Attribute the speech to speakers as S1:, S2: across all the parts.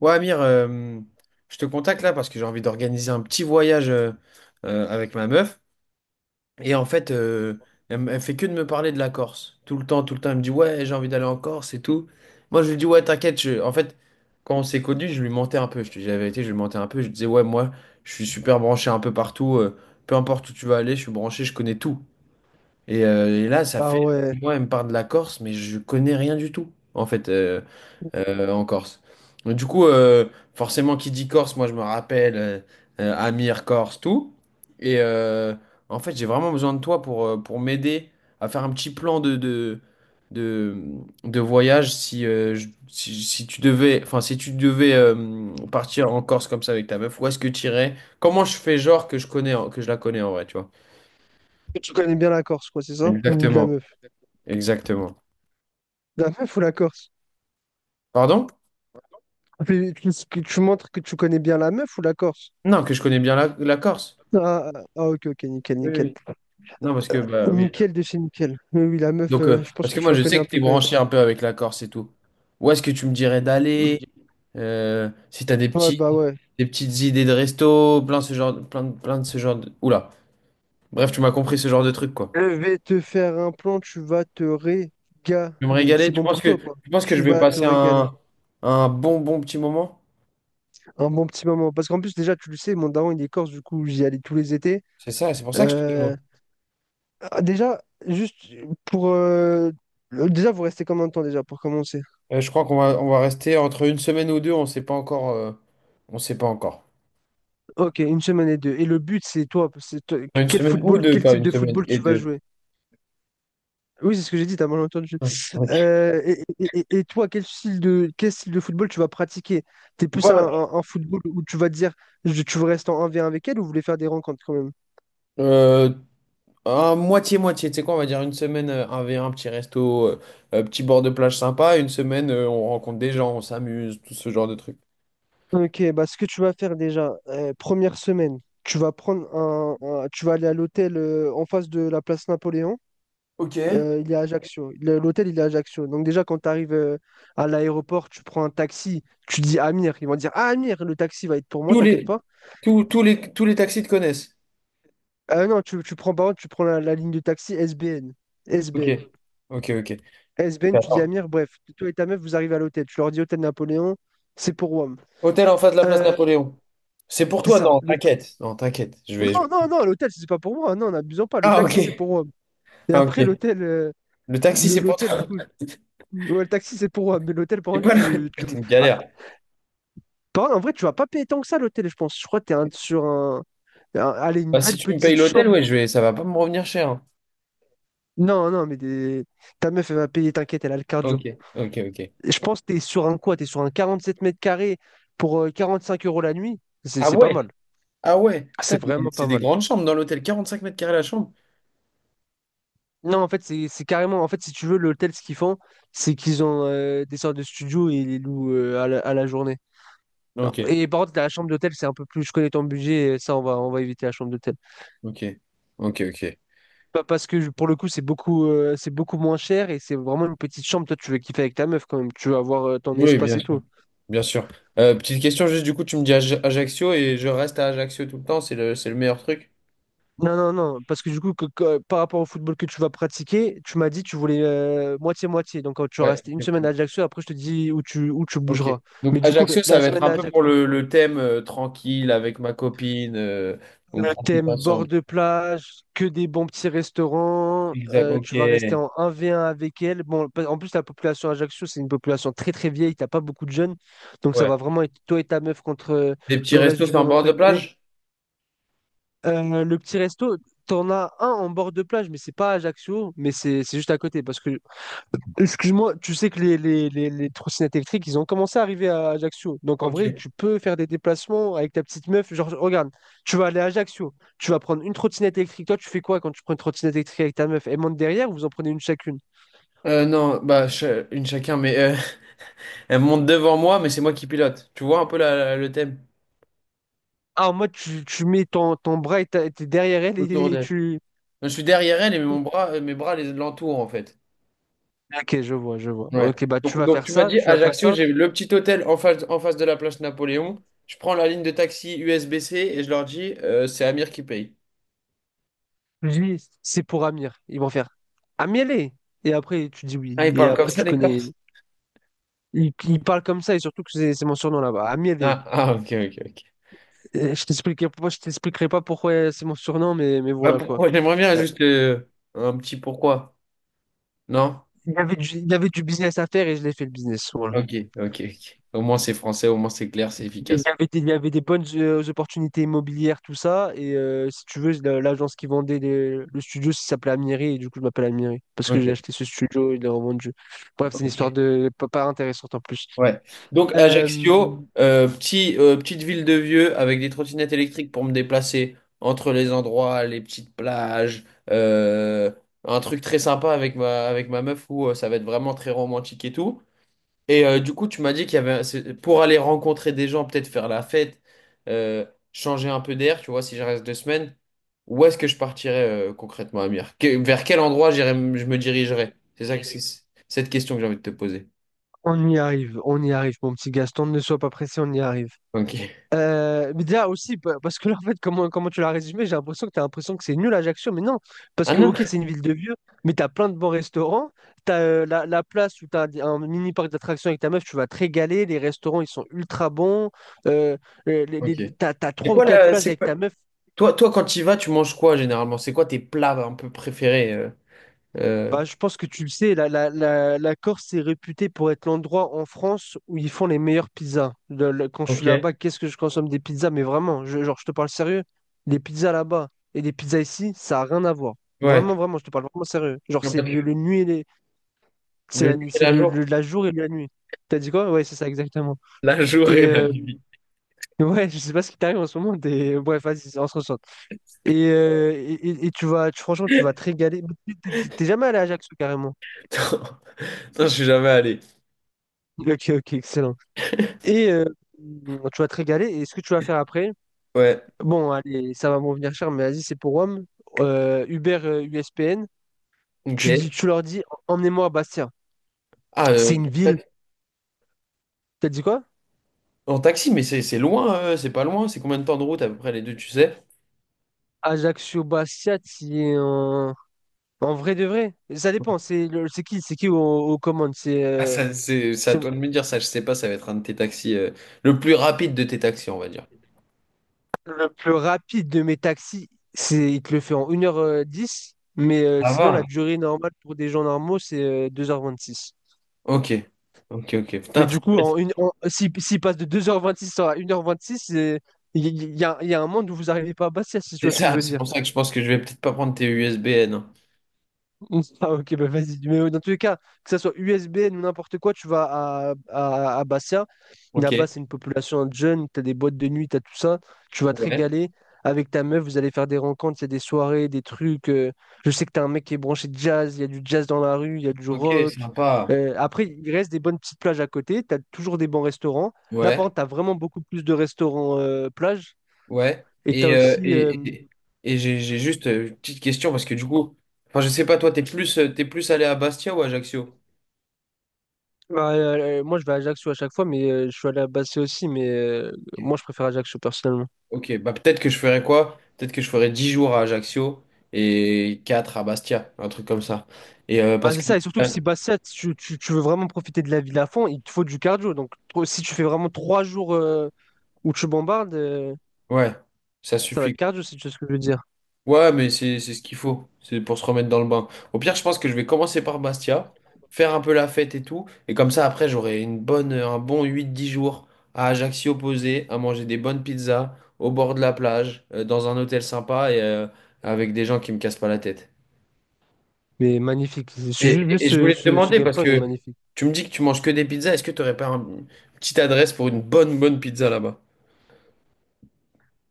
S1: Ouais, Amir, je te contacte là parce que j'ai envie d'organiser un petit voyage avec ma meuf. Et en fait, elle fait que de me parler de la Corse. Tout le temps, elle me dit, ouais, j'ai envie d'aller en Corse et tout. Moi, je lui dis, ouais, t'inquiète. En fait, quand on s'est connus, je lui mentais un peu. Je te dis la vérité, je lui mentais un peu. Je lui disais, ouais, moi, je suis super branché un peu partout. Peu importe où tu vas aller, je suis branché, je connais tout. Et là, ça
S2: Ah
S1: fait,
S2: ouais.
S1: moi, elle me parle de la Corse, mais je connais rien du tout, en fait. En Corse. Donc, du coup, forcément, qui dit Corse, moi je me rappelle Amir, Corse, tout. Et euh, En fait, j'ai vraiment besoin de toi pour, m'aider à faire un petit plan de, de voyage. Si tu devais, enfin, si tu devais partir en Corse comme ça avec ta meuf, où est-ce que tu irais? Comment je fais genre que je connais, que je la connais en vrai, tu vois?
S2: Et tu connais bien la Corse, quoi, c'est ça? Ou de la
S1: Exactement,
S2: meuf?
S1: exactement.
S2: De la meuf ou la Corse?
S1: Pardon?
S2: Tu montres que tu connais bien la meuf ou la Corse?
S1: Non, que je connais bien la Corse.
S2: Ah, ah, ah, ok, ok, nickel,
S1: Oui,
S2: nickel.
S1: oui. Non, parce que, bah oui.
S2: Nickel de chez nickel. Mais oui, la meuf,
S1: Donc,
S2: je pense
S1: parce
S2: que
S1: que
S2: tu
S1: moi,
S2: la
S1: je
S2: connais
S1: sais
S2: un
S1: que tu
S2: peu
S1: es
S2: quand même.
S1: branché un peu avec la Corse et tout. Où est-ce que tu me dirais d'aller? Si tu as
S2: Ouais, bah ouais.
S1: des petites idées de resto, plein de ce genre de... Oula. Bref, tu m'as compris ce genre de truc, quoi.
S2: Je vais te faire un plan, tu vas te régaler.
S1: Je vais me régaler.
S2: C'est
S1: Tu
S2: bon
S1: penses
S2: pour
S1: que,
S2: toi, quoi.
S1: tu penses que je
S2: Tu
S1: vais
S2: vas te
S1: passer
S2: régaler.
S1: un bon, bon petit moment?
S2: Un bon petit moment. Parce qu'en plus, déjà, tu le sais, mon daron, il est corse, du coup, j'y allais tous les étés.
S1: C'est ça, c'est pour ça que je te
S2: Euh,
S1: demande.
S2: ah, Déjà, juste pour... euh, Déjà, vous restez combien de temps déjà pour commencer?
S1: Je crois qu'on va rester entre une semaine ou deux, on sait pas encore. On sait pas encore.
S2: Ok, une semaine et deux. Et le but, c'est toi,
S1: Une semaine ou deux,
S2: quel
S1: pas
S2: type
S1: une
S2: de
S1: semaine
S2: football
S1: et
S2: tu vas
S1: deux.
S2: jouer? Oui, c'est ce que j'ai dit, t'as mal entendu.
S1: Ah, ok.
S2: Et toi, quel style de football tu vas pratiquer? T'es plus un,
S1: Voilà.
S2: un- un football où tu vas te dire, tu veux rester en 1v1 avec elle ou vous voulez faire des rencontres quand même?
S1: Moitié-moitié, tu sais quoi, on va dire une semaine 1v1, petit resto, petit bord de plage sympa, une semaine on rencontre des gens, on s'amuse, tout ce genre de trucs.
S2: Ok, bah ce que tu vas faire déjà, première semaine, tu vas prendre tu vas aller à l'hôtel en face de la place Napoléon.
S1: Ok.
S2: Il est à Ajaccio. L'hôtel, il est à Ajaccio. Donc déjà, quand tu arrives à l'aéroport, tu prends un taxi, tu dis Amir. Ils vont dire, ah, Amir, le taxi va être pour moi,
S1: Tous
S2: t'inquiète
S1: les,
S2: pas.
S1: tous les taxis te connaissent.
S2: Ah non, tu prends, par contre, tu prends la ligne de taxi SBN.
S1: Ok.
S2: SBN.
S1: Ok, ok.
S2: SBN, tu dis
S1: Attends.
S2: Amir, bref, toi et ta meuf, vous arrivez à l'hôtel. Tu leur dis Hôtel Napoléon, c'est pour Rome.
S1: Hôtel en face de la place
S2: Euh,
S1: Napoléon. C'est pour
S2: c'est
S1: toi,
S2: ça.
S1: non, t'inquiète. Non, t'inquiète.
S2: Non, non, non, l'hôtel, c'est pas pour moi. Non, n'abusons pas. Le
S1: Ah,
S2: taxi, c'est
S1: ok.
S2: pour Rome. Et
S1: Ah,
S2: après,
S1: ok.
S2: l'hôtel, euh,
S1: Le taxi,
S2: le-
S1: c'est pour
S2: l'hôtel, du
S1: toi.
S2: coup, ouais, le taxi, c'est pour Rome. Mais l'hôtel, par
S1: C'est
S2: contre,
S1: pas
S2: tu,
S1: le-
S2: tu...
S1: C'est une
S2: Ah,
S1: galère.
S2: En vrai, tu vas pas payer tant que ça l'hôtel, je pense. Je crois que sur Allez, une
S1: Bah, si
S2: belle
S1: tu me payes
S2: petite
S1: l'hôtel,
S2: chambre.
S1: ouais, je vais. Ça va pas me revenir cher, hein.
S2: Non, non, mais ta meuf, elle va payer, t'inquiète, elle a le
S1: Ok,
S2: cardio.
S1: ok, ok.
S2: Et je pense que t'es sur un quoi? T'es sur un 47 mètres carrés pour 45 € la nuit. C'est
S1: Ah
S2: c'est pas
S1: ouais?
S2: mal.
S1: Ah ouais, putain,
S2: C'est vraiment
S1: c'est
S2: pas
S1: des
S2: mal.
S1: grandes chambres dans l'hôtel, 45 m² la chambre.
S2: Non, en fait, c'est carrément. En fait, si tu veux, l'hôtel, ce qu'ils font, c'est qu'ils ont des sortes de studios et ils les louent à la journée.
S1: Ah, ok,
S2: Et par contre, la chambre d'hôtel, c'est un peu plus. Je connais ton budget, ça, on va éviter la chambre d'hôtel.
S1: ok, ok, ok.
S2: Parce que pour le coup, c'est beaucoup moins cher et c'est vraiment une petite chambre. Toi, tu veux kiffer avec ta meuf quand même. Tu veux avoir ton
S1: Oui,
S2: espace
S1: bien
S2: et
S1: sûr.
S2: tout.
S1: Bien sûr. Petite question, juste du coup, tu me dis Ajaccio et je reste à Ajaccio tout le temps, c'est le, meilleur truc.
S2: Non, non, non. Parce que du coup, par rapport au football que tu vas pratiquer, tu m'as dit tu voulais moitié-moitié. Donc, tu vas
S1: Ouais,
S2: rester une semaine
S1: exactement.
S2: à Ajaccio. Après, je te dis où tu
S1: Ok.
S2: bougeras. Mais
S1: Donc
S2: du coup,
S1: Ajaccio, ça
S2: la
S1: va être
S2: semaine
S1: un
S2: à
S1: peu pour
S2: Ajaccio.
S1: le thème tranquille avec ma copine, on
S2: Le
S1: profite
S2: thème bord
S1: ensemble.
S2: de plage, que des bons petits restaurants,
S1: Exact, ok.
S2: tu vas rester en 1v1 avec elle. Bon, en plus, la population Ajaccio, c'est une population très très vieille, t'as pas beaucoup de jeunes. Donc ça
S1: Ouais.
S2: va vraiment être toi et ta meuf contre
S1: Des petits
S2: le reste
S1: restos
S2: du
S1: sur un
S2: monde,
S1: bord
S2: entre
S1: de
S2: guillemets.
S1: plage?
S2: Le petit resto, t'en as un en bord de plage, mais c'est pas à Ajaccio, mais c'est juste à côté. Parce que Excuse-moi, tu sais que les trottinettes électriques, ils ont commencé à arriver à Ajaccio. Donc en vrai,
S1: Ok.
S2: tu peux faire des déplacements avec ta petite meuf. Genre, regarde, tu vas aller à Ajaccio, tu vas prendre une trottinette électrique. Toi, tu fais quoi quand tu prends une trottinette électrique avec ta meuf? Elle monte derrière ou vous en prenez une chacune?
S1: Non, bah, une chacun, mais elle monte devant moi, mais c'est moi qui pilote. Tu vois un peu le thème?
S2: Ah, en mode, tu mets ton bras et t'es derrière elle
S1: Autour
S2: et
S1: d'elle.
S2: tu.
S1: Enfin, je suis derrière elle et mon bras, mes bras les l'entourent en fait.
S2: Ok, je vois, je vois.
S1: Ouais.
S2: Ok, bah tu
S1: Donc,
S2: vas
S1: donc
S2: faire
S1: tu m'as
S2: ça,
S1: dit
S2: tu vas faire
S1: Ajaccio,
S2: ça.
S1: j'ai le petit hôtel en face de la place Napoléon. Je prends la ligne de taxi USB-C et je leur dis c'est Amir qui paye.
S2: Lui, c'est pour Amir. Ils vont faire Amielé. Et après, tu dis
S1: Ah,
S2: oui.
S1: ils
S2: Et
S1: parlent comme
S2: après,
S1: ça
S2: tu
S1: les
S2: connais.
S1: Corses?
S2: Ils parlent comme ça et surtout que c'est mon surnom là-bas. Amielé.
S1: Ah, ah, ok, ok, ok.
S2: Je t'expliquerai pas pourquoi c'est mon surnom, mais
S1: Bah
S2: voilà quoi.
S1: pourquoi? J'aimerais bien
S2: Euh,
S1: juste un petit pourquoi. Non?
S2: il y avait du business à faire et je l'ai fait le business. Voilà.
S1: Ok, ok, ok. Au moins c'est français, au moins c'est clair, c'est efficace.
S2: Il y avait des bonnes opportunités immobilières, tout ça. Si tu veux, l'agence qui vendait le studio, ça s'appelait Amiri et du coup je m'appelle Amiri parce que j'ai
S1: Ok.
S2: acheté ce studio et il l'a revendu. Bref, c'est une histoire
S1: Ok.
S2: de pas intéressante en plus.
S1: Ouais. Donc
S2: Euh,
S1: Ajaccio, petite ville de vieux avec des trottinettes électriques pour me déplacer entre les endroits, les petites plages, euh, un truc très sympa avec ma meuf où ça va être vraiment très romantique et tout. Du coup, tu m'as dit qu'il y avait pour aller rencontrer des gens, peut-être faire la fête, euh, changer un peu d'air, tu vois, si je reste 2 semaines, où est-ce que je partirais concrètement, Amir? Vers quel endroit j'irais, je me dirigerais? C'est ça, que c'est cette question que j'ai envie de te poser.
S2: on y arrive, on y arrive, mon petit Gaston, ne sois pas pressé, on y arrive.
S1: Ok.
S2: Mais déjà aussi, parce que là, en fait, comment tu l'as résumé, j'ai l'impression que tu as l'impression que c'est nul Ajaccio, mais non, parce
S1: Ah
S2: que,
S1: non?
S2: ok, c'est une ville de vieux, mais tu as plein de bons restaurants, tu as la place où tu as un mini parc d'attractions avec ta meuf, tu vas te régaler, les restaurants, ils sont ultra bons, euh,
S1: Ok. C'est
S2: trois ou
S1: quoi
S2: quatre
S1: la,
S2: plages
S1: c'est
S2: avec
S1: quoi-
S2: ta meuf.
S1: toi quand tu y vas, tu manges quoi généralement? C'est quoi tes plats un peu préférés? Euh,
S2: Bah, je pense que tu le sais, la Corse est réputée pour être l'endroit en France où ils font les meilleures pizzas. Quand je
S1: Ok.
S2: suis là-bas, qu'est-ce que je consomme des pizzas? Mais vraiment, genre, je te parle sérieux. Les pizzas là-bas et les pizzas ici, ça a rien à voir.
S1: Ouais.
S2: Vraiment, vraiment, je te parle vraiment sérieux. Genre,
S1: Non,
S2: c'est
S1: parce
S2: le
S1: que...
S2: nuit et les... C'est
S1: Le
S2: la
S1: nuit
S2: nuit,
S1: et
S2: c'est
S1: la jour.
S2: la jour et la nuit. T'as dit quoi? Ouais, c'est ça, exactement.
S1: La journée
S2: Et
S1: et la nuit.
S2: ouais, je sais pas ce qui t'arrive en ce moment. Bref, vas-y, on se ressent. Et franchement, tu vas te régaler. Mais t'es jamais allé à Ajaccio, carrément.
S1: Non, non, je suis jamais allé.
S2: Ok, ok, excellent. Et euh, Tu vas te régaler. Et ce que tu vas faire après,
S1: Ouais.
S2: bon, allez, ça va m'en venir cher, mais vas-y, c'est pour Rome. Uber USPN,
S1: Ok.
S2: tu leur dis, emmenez-moi à Bastia.
S1: Ah,
S2: C'est une ville.
S1: tac-
S2: T'as dit quoi?
S1: en taxi, mais c'est loin, c'est pas loin. C'est combien de temps de route à peu près les deux, tu sais?
S2: Ajaccio, Bastia, t'y es en... en vrai de vrai. Ça dépend. C'est qui, c'est qui aux commandes?
S1: Ah, ça, c'est à
S2: C'est
S1: toi de me dire ça. Je sais pas, ça va être un de tes taxis, le plus rapide de tes taxis, on va dire.
S2: le plus rapide de mes taxis. Il te le fait en une heure dix. Mais
S1: Ça
S2: sinon, la
S1: va.
S2: durée normale pour des gens normaux, c'est 2h26.
S1: Ok. Ok, ok. Putain,
S2: Mais
S1: très
S2: du coup,
S1: précis.
S2: en une, en- si- s'il passe de 2h26 à 1h26, il y a un monde où vous n'arrivez pas à Bastia, si tu
S1: C'est
S2: vois ce que je
S1: ça,
S2: veux
S1: c'est
S2: dire.
S1: pour ça que je pense que je vais peut-être pas prendre tes USBN.
S2: Ah, ok, bah vas-y. Mais dans tous les cas, que ça soit USBN ou n'importe quoi, tu vas à Bastia.
S1: Ok,
S2: Là-bas, c'est une population de jeunes, t'as des boîtes de nuit, t'as tout ça. Tu vas te
S1: ouais,
S2: régaler avec ta meuf, vous allez faire des rencontres, il y a des soirées, des trucs. Je sais que t'as un mec qui est branché jazz, il y a du jazz dans la rue, il y a du
S1: ok,
S2: rock.
S1: sympa,
S2: Après, il reste des bonnes petites plages à côté, t'as toujours des bons restaurants. Là,
S1: ouais,
S2: par contre, t'as vraiment beaucoup plus de restaurants plages.
S1: ouais.
S2: Et t'as
S1: Et, euh,
S2: aussi, euh,
S1: et, et, et j'ai juste une petite question parce que du coup, enfin, je sais pas, toi, t'es plus allé à Bastia ou à Ajaccio?
S2: Bah, moi, je vais à Ajaccio à chaque fois, mais je suis allé à Bastia aussi, mais
S1: Ok,
S2: moi, je préfère Ajaccio personnellement.
S1: Ok, bah peut-être que je ferais quoi? Peut-être que je ferais 10 jours à Ajaccio et 4 à Bastia, un truc comme ça.
S2: Bah,
S1: Parce
S2: c'est
S1: que,
S2: ça, et surtout que si Bastia, tu veux vraiment profiter de la ville à fond, il te faut du cardio. Donc, si tu fais vraiment 3 jours où tu bombardes,
S1: ouais, ça
S2: ça va être
S1: suffit.
S2: cardio, si tu sais ce que je veux dire.
S1: Ouais, mais c'est ce qu'il faut. C'est pour se remettre dans le bain. Au pire, je pense que je vais commencer par Bastia, faire un peu la fête et tout. Et comme ça, après, j'aurai un bon 8-10 jours à Ajaccio posé, à manger des bonnes pizzas, au bord de la plage, dans un hôtel sympa et avec des gens qui me cassent pas la tête.
S2: Mais magnifique.
S1: Et, et-
S2: Juste,
S1: et je
S2: ce,
S1: voulais te
S2: ce, ce
S1: demander,
S2: game
S1: parce
S2: plan, il est
S1: que
S2: magnifique.
S1: tu me dis que tu manges que des pizzas, est-ce que tu n'aurais pas une petite adresse pour une bonne, bonne pizza là-bas?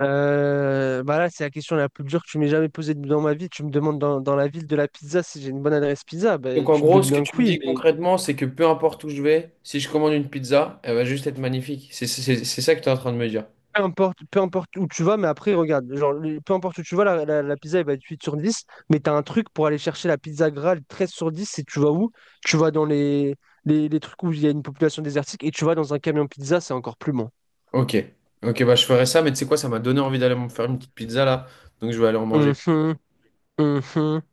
S2: Bah là, c'est la question la plus dure que tu m'aies jamais posée dans ma vie. Tu me demandes dans la ville de la pizza si j'ai une bonne adresse pizza. Bah,
S1: Donc en
S2: tu te
S1: gros,
S2: doutes
S1: ce que
S2: bien que
S1: tu me dis
S2: oui.
S1: concrètement, c'est que peu importe où je vais, si je commande une pizza, elle va juste être magnifique. C'est ça que tu es en train de me dire.
S2: Peu importe où tu vas, mais après, regarde, genre, peu importe où tu vas, la pizza, elle va être 8 sur dix, mais tu as un truc pour aller chercher la pizza Graal 13/10, et tu vas où? Tu vas dans les trucs où il y a une population désertique, et tu vas dans un camion pizza, c'est encore plus bon.
S1: Ok. Ok, bah je ferai ça, mais tu sais quoi, ça m'a donné envie d'aller me faire une petite pizza là. Donc je vais aller en manger.
S2: Mhm, mhm.